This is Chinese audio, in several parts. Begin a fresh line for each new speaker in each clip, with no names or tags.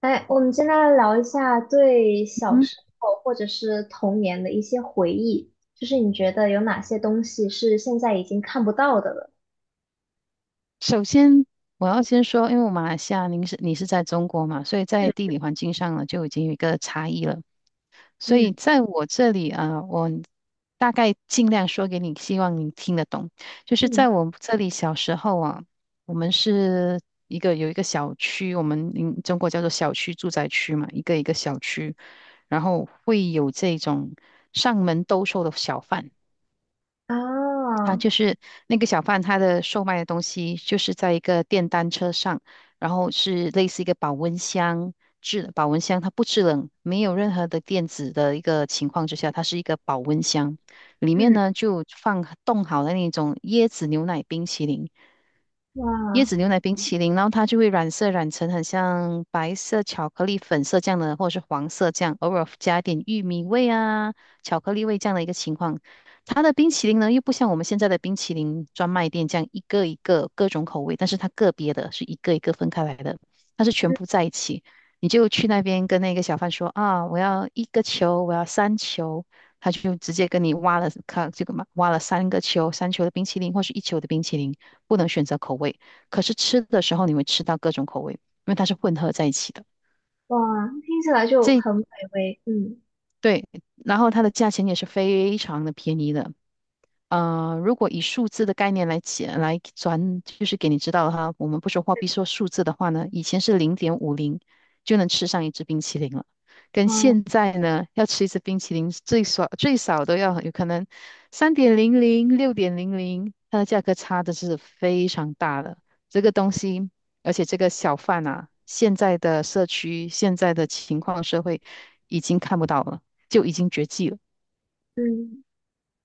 哎，我们今天来聊一下对小
嗯，
时候或者是童年的一些回忆，就是你觉得有哪些东西是现在已经看不到的了？
首先我要先说，因为我马来西亚，你是在中国嘛，所以在
嗯
地理环境上呢就已经有一个差异了。所以
嗯
在我这里啊，我大概尽量说给你，希望你听得懂。就是在
嗯
我这里小时候啊，我们是有一个小区，我们中国叫做小区住宅区嘛，一个一个小区，然后会有这种上门兜售的小贩。啊，
啊，
就是那个小贩他的售卖的东西，就是在一个电单车上，然后是类似一个保温箱保温箱它不制冷，没有任何的电子的一个情况之下，它是一个保温箱，里面
嗯
呢就放冻好的那种椰子牛奶冰淇淋，椰
哇
子牛奶冰淇淋，然后它就会染色染成很像白色巧克力粉色这样的，或者是黄色这样，偶尔加一点玉米味啊、巧克力味这样的一个情况。它的冰淇淋呢，又不像我们现在的冰淇淋专卖店这样一个一个各种口味，但是它个别的是一个一个分开来的，它是全部在一起。你就去那边跟那个小贩说啊，我要一个球，我要三球，他就直接跟你挖了，看这个嘛，挖了三个球，三球的冰淇淋或是一球的冰淇淋，不能选择口味。可是吃的时候你会吃到各种口味，因为它是混合在一起的。
哇，听起来就
这
很美味。嗯
对，然后它的价钱也是非常的便宜的，如果以数字的概念来解来转，就是给你知道哈，我们不说货币，说数字的话呢，以前是0.50就能吃上一支冰淇淋了，跟
嗯
现在呢，要吃一支冰淇淋最少最少都要有可能3.00、6.00，它的价格差的是非常大的。这个东西，而且这个小贩啊，现在的社区、现在的情况、社会已经看不到了，就已经绝迹了。
嗯，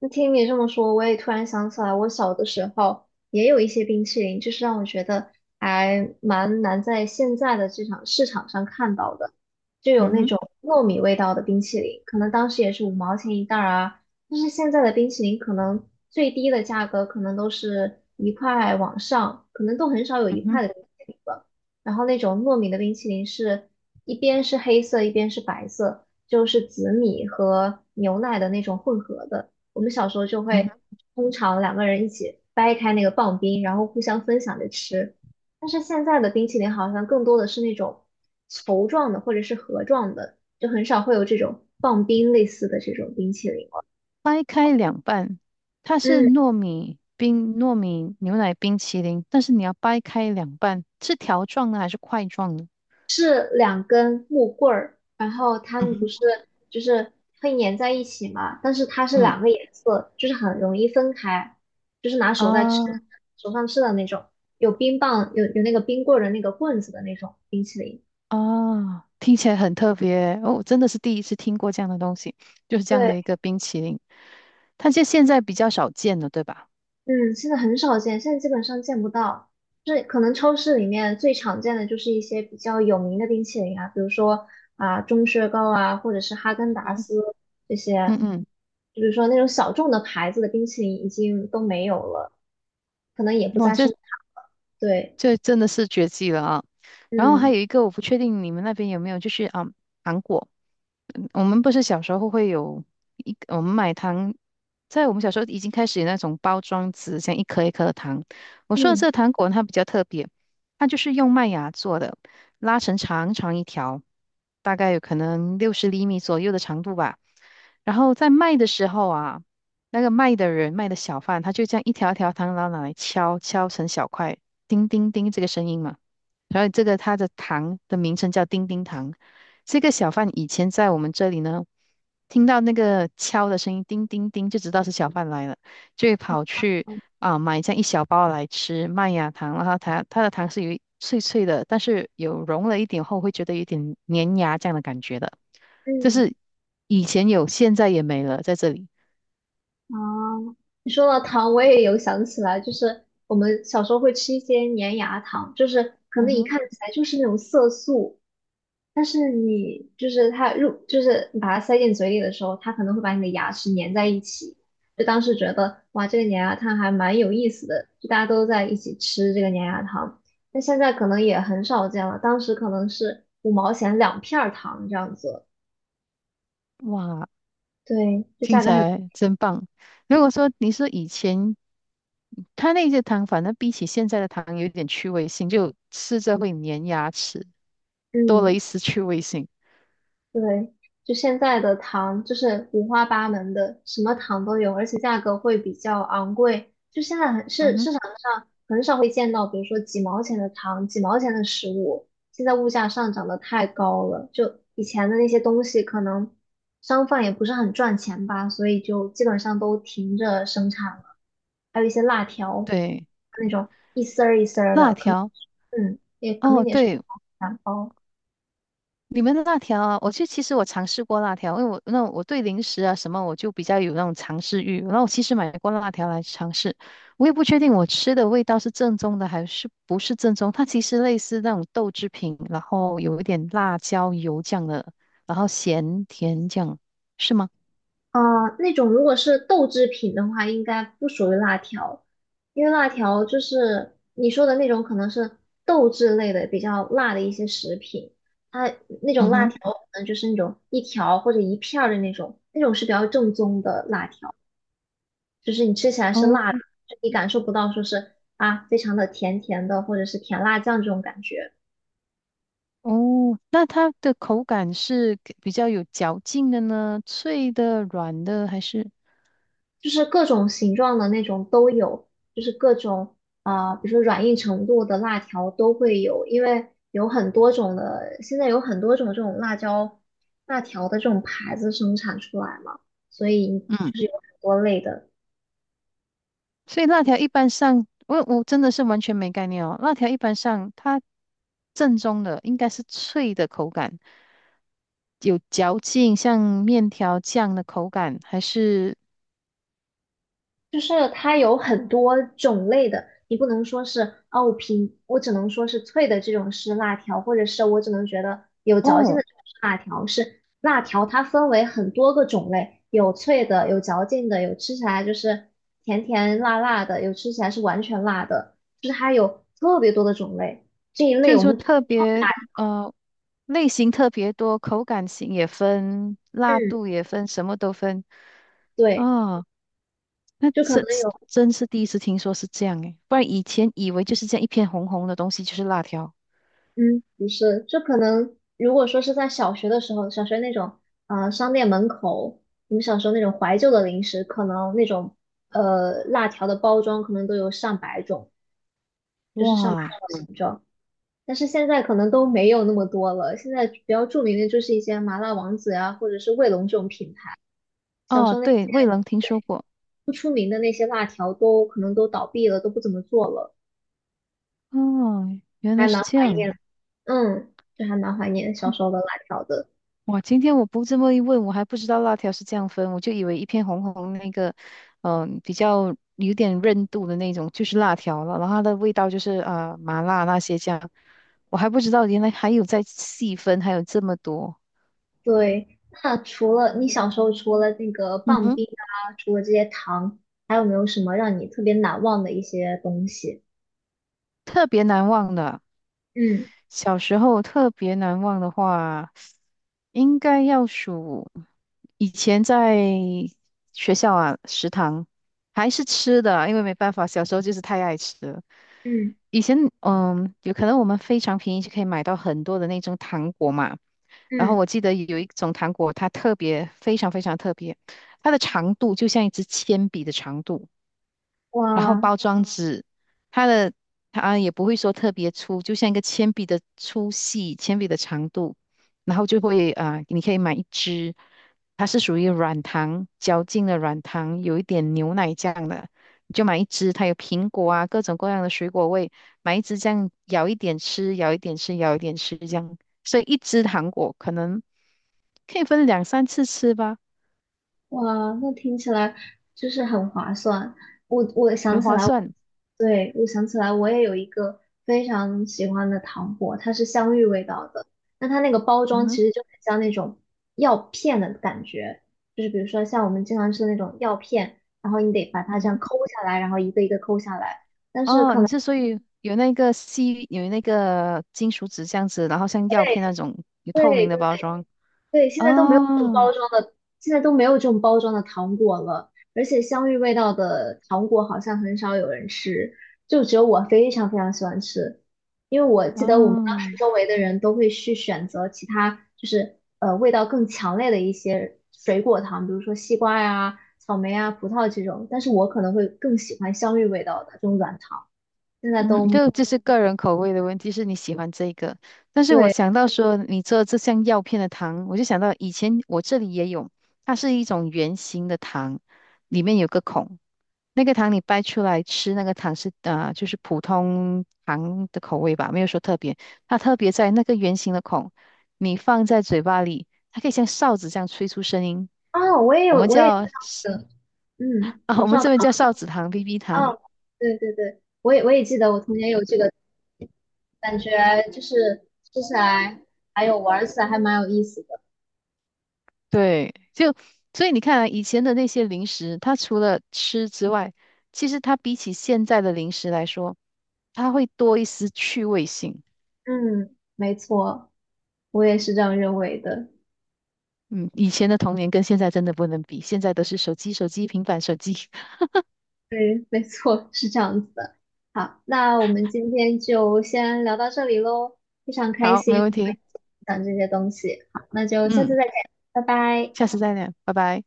就听你这么说，我也突然想起来，我小的时候也有一些冰淇淋，就是让我觉得还蛮难在现在的这场市场上看到的，就有
嗯
那
哼，
种糯米味道的冰淇淋，可能当时也是五毛钱一袋儿啊，但是现在的冰淇淋可能最低的价格可能都是一块往上，可能都很少有
嗯
一
哼，
块的冰淇淋了。然后那种糯米的冰淇淋是一边是黑色，一边是白色，就是紫米和牛奶的那种混合的。我们小时候就
嗯
会
哼。
通常两个人一起掰开那个棒冰，然后互相分享着吃。但是现在的冰淇淋好像更多的是那种球状的或者是盒状的，就很少会有这种棒冰类似的这种冰淇淋了。
掰开两半，它是
嗯，
糯米冰、糯米牛奶冰淇淋，但是你要掰开两半，是条状的还是块状的？
是两根木棍儿，然后它
嗯
们不
哼，
是就是会粘在一起嘛？但是它是两
嗯
个颜色，就是很容易分开，就是拿手在吃，
啊
手上吃的那种，有冰棒，有那个冰棍儿的那个棍子的那种冰淇淋。
听起来很特别哦，我真的是第一次听过这样的东西，就是这样的
对，
一个冰淇淋，它就现在比较少见了，对吧？
嗯，现在很少见，现在基本上见不到。就是可能超市里面最常见的就是一些比较有名的冰淇淋啊，比如说啊、钟薛高啊，或者是哈根达
嗯，
斯这些，
嗯嗯，
就是说那种小众的牌子的冰淇淋已经都没有了，可能也不
哇，
再
这
生产了。对，
这真的是绝技了啊！然后还
嗯
有一个，我不确定你们那边有没有，就是啊，糖果。嗯我们不是小时候会有一，我们买糖，在我们小时候已经开始有那种包装纸，像一颗一颗的糖。我说的
嗯
这个糖果呢它比较特别，它就是用麦芽做的，拉成长长一条，大概有可能60厘米左右的长度吧。然后在卖的时候啊，那个卖的人卖的小贩，他就这样一条一条糖，然后拿来敲敲成小块，叮叮叮这个声音嘛。然后这个它的糖的名称叫叮叮糖。这个小贩以前在我们这里呢，听到那个敲的声音，叮叮叮，就知道是小贩来了，就会跑去买这样一小包来吃麦芽糖，然后它的糖是有一脆脆的，但是有融了一点后会觉得有点粘牙这样的感觉的，就
嗯，
是以前有，现在也没了，在这里。
啊，你说到糖，我也有想起来，就是我们小时候会吃一些粘牙糖，就是可能
嗯
一
哼，
看起来就是那种色素。但是你就是它入，就是你把它塞进嘴里的时候，它可能会把你的牙齿粘在一起。就当时觉得哇，这个粘牙糖还蛮有意思的，就大家都在一起吃这个粘牙糖。那现在可能也很少见了，当时可能是五毛钱两片儿糖这样子。
哇，
对，就
听
价
起
格很，
来真棒。如果说你说以前它那些糖，反正比起现在的糖有点趣味性，就吃着会粘牙齿。多了
嗯，
一丝趣味性。
对，就现在的糖就是五花八门的，什么糖都有，而且价格会比较昂贵。就现在很
嗯
市
哼，
市场上很少会见到，比如说几毛钱的糖、几毛钱的食物，现在物价上涨的太高了。就以前的那些东西，可能商贩也不是很赚钱吧，所以就基本上都停着生产了。还有一些辣条，
对，
那种一丝儿一丝儿
辣
的，可能
条，
也可能
哦，
也是
对，
两包。
你们的辣条啊，我就其实我尝试过辣条，因为我对零食啊什么我就比较有那种尝试欲，然后我其实买过辣条来尝试，我也不确定我吃的味道是正宗的还是不是正宗，它其实类似那种豆制品，然后有一点辣椒油酱的，然后咸甜酱，是吗？
啊，那种如果是豆制品的话，应该不属于辣条，因为辣条就是你说的那种，可能是豆制类的比较辣的一些食品，它那种
嗯
辣条
哼
可能就是那种一条或者一片儿的那种，那种是比较正宗的辣条，就是你吃起来是辣的，
哦。
就你感受不到说是啊非常的甜甜的或者是甜辣酱这种感觉。
哦，那它的口感是比较有嚼劲的呢，脆的、软的还是？
就是各种形状的那种都有，就是各种啊、比如说软硬程度的辣条都会有，因为有很多种的，现在有很多种这种辣椒辣条的这种牌子生产出来嘛，所以
嗯，
就是有很多类的。
所以辣条一般上，我真的是完全没概念哦。辣条一般上，它正宗的应该是脆的口感，有嚼劲，像面条酱的口感，还是
就是它有很多种类的，你不能说是哦，我只能说是脆的这种是辣条，或者是我只能觉得有嚼劲的
哦，
这种是辣条，是辣条它分为很多个种类，有脆的，有嚼劲的，有吃起来就是甜甜辣辣的，有吃起来是完全辣的，就是它有特别多的种类。这一
就
类
是
我
说
们统
特
称
别
辣
呃类型特别多，口感型也分，辣
制，
度也分，什么都分。
对，
哦。那
就可
这
能
这
有。
真是第一次听说是这样诶，不然以前以为就是这样一片红红的东西就是辣条。
嗯，不是，就可能如果说是在小学的时候，小学那种商店门口，我们小时候那种怀旧的零食，可能那种辣条的包装可能都有上百种，就是上百
哇，
种形状。但是现在可能都没有那么多了，现在比较著名的就是一些麻辣王子呀，或者是卫龙这种品牌。小时
哦，
候那些
对，未能听说过。
不出名的那些辣条都可能都倒闭了，都不怎么做了，
哦，原
还
来是
蛮
这
怀
样。
念，就还蛮怀念小
哼
时候的辣条的。
哇，今天我不这么一问，我还不知道辣条是这样分，我就以为一片红红那个，比较有点韧度的那种就是辣条了，然后它的味道就是麻辣那些这样。我还不知道原来还有在细分，还有这么多。
对，那除了你小时候除了那个
嗯
棒
哼，
冰啊，除了这些糖，还有没有什么让你特别难忘的一些东西？
特别难忘的。
嗯
小时候特别难忘的话，应该要数以前在学校啊，食堂还是吃的，因为没办法，小时候就是太爱吃了。
嗯
以前嗯，有可能我们非常便宜就可以买到很多的那种糖果嘛。然后
嗯，
我记得有一种糖果，它特别非常非常特别，它的长度就像一支铅笔的长度。然后
哇，
包装纸，它的它也不会说特别粗，就像一个铅笔的粗细、铅笔的长度，然后就会你可以买一支，它是属于软糖嚼劲的软糖，有一点牛奶酱的，你就买一支，它有苹果啊，各种各样的水果味，买一支这样咬一点吃，咬一点吃，咬一点吃这样，所以一支糖果可能可以分两三次吃吧，
哇，那听起来就是很划算。我想
很
起
划
来，
算。
对，我想起来，我也有一个非常喜欢的糖果，它是香芋味道的。那它那个包
嗯
装
哼
其实就很像那种药片的感觉，就是比如说像我们经常吃的那种药片，然后你得把它
嗯
这样
哼。
抠下来，然后一个一个抠下来。但是
哦，
可
你
能
之所以有那个吸，有那个金属纸这样子，然后像药片那种有透明
对
的包装。
对，现在都没有这种
哦
包装的，现在都没有这种包装的糖果了，而且香芋味道的糖果好像很少有人吃，就只有我非常非常喜欢吃，因为我记得我们当
哦，
时周围的人都会去选择其他，就是味道更强烈的一些水果糖，比如说西瓜呀、草莓啊、葡萄这种，但是我可能会更喜欢香芋味道的这种软糖，现在
嗯，
都
就这是个人口味的问题，是你喜欢这个。但是我
对
想到说你做这项药片的糖，我就想到以前我这里也有，它是一种圆形的糖，里面有个孔，那个糖你掰出来吃，那个糖是就是普通糖的口味吧，没有说特别。它特别在那个圆形的孔，你放在嘴巴里，它可以像哨子这样吹出声音，
啊，我也
我
有，
们
我也知
叫
道这个，嗯，
啊，
口
我们
哨。
这边叫哨子糖、BB 糖。
哦，对对对，我也记得我童年有这个感觉，就是吃起来还有玩儿起来还蛮有意思的。
对，就所以你看啊，以前的那些零食，它除了吃之外，其实它比起现在的零食来说，它会多一丝趣味性。
嗯，没错，我也是这样认为的。
嗯，以前的童年跟现在真的不能比，现在都是手机、手机、平板、手机。
对，没错，是这样子的。好，那我们今天就先聊到这里喽，非常开
好，没
心
问
我们
题。
讲这些东西。好，那就下次
嗯，
再见，拜拜。
下次再聊，拜拜。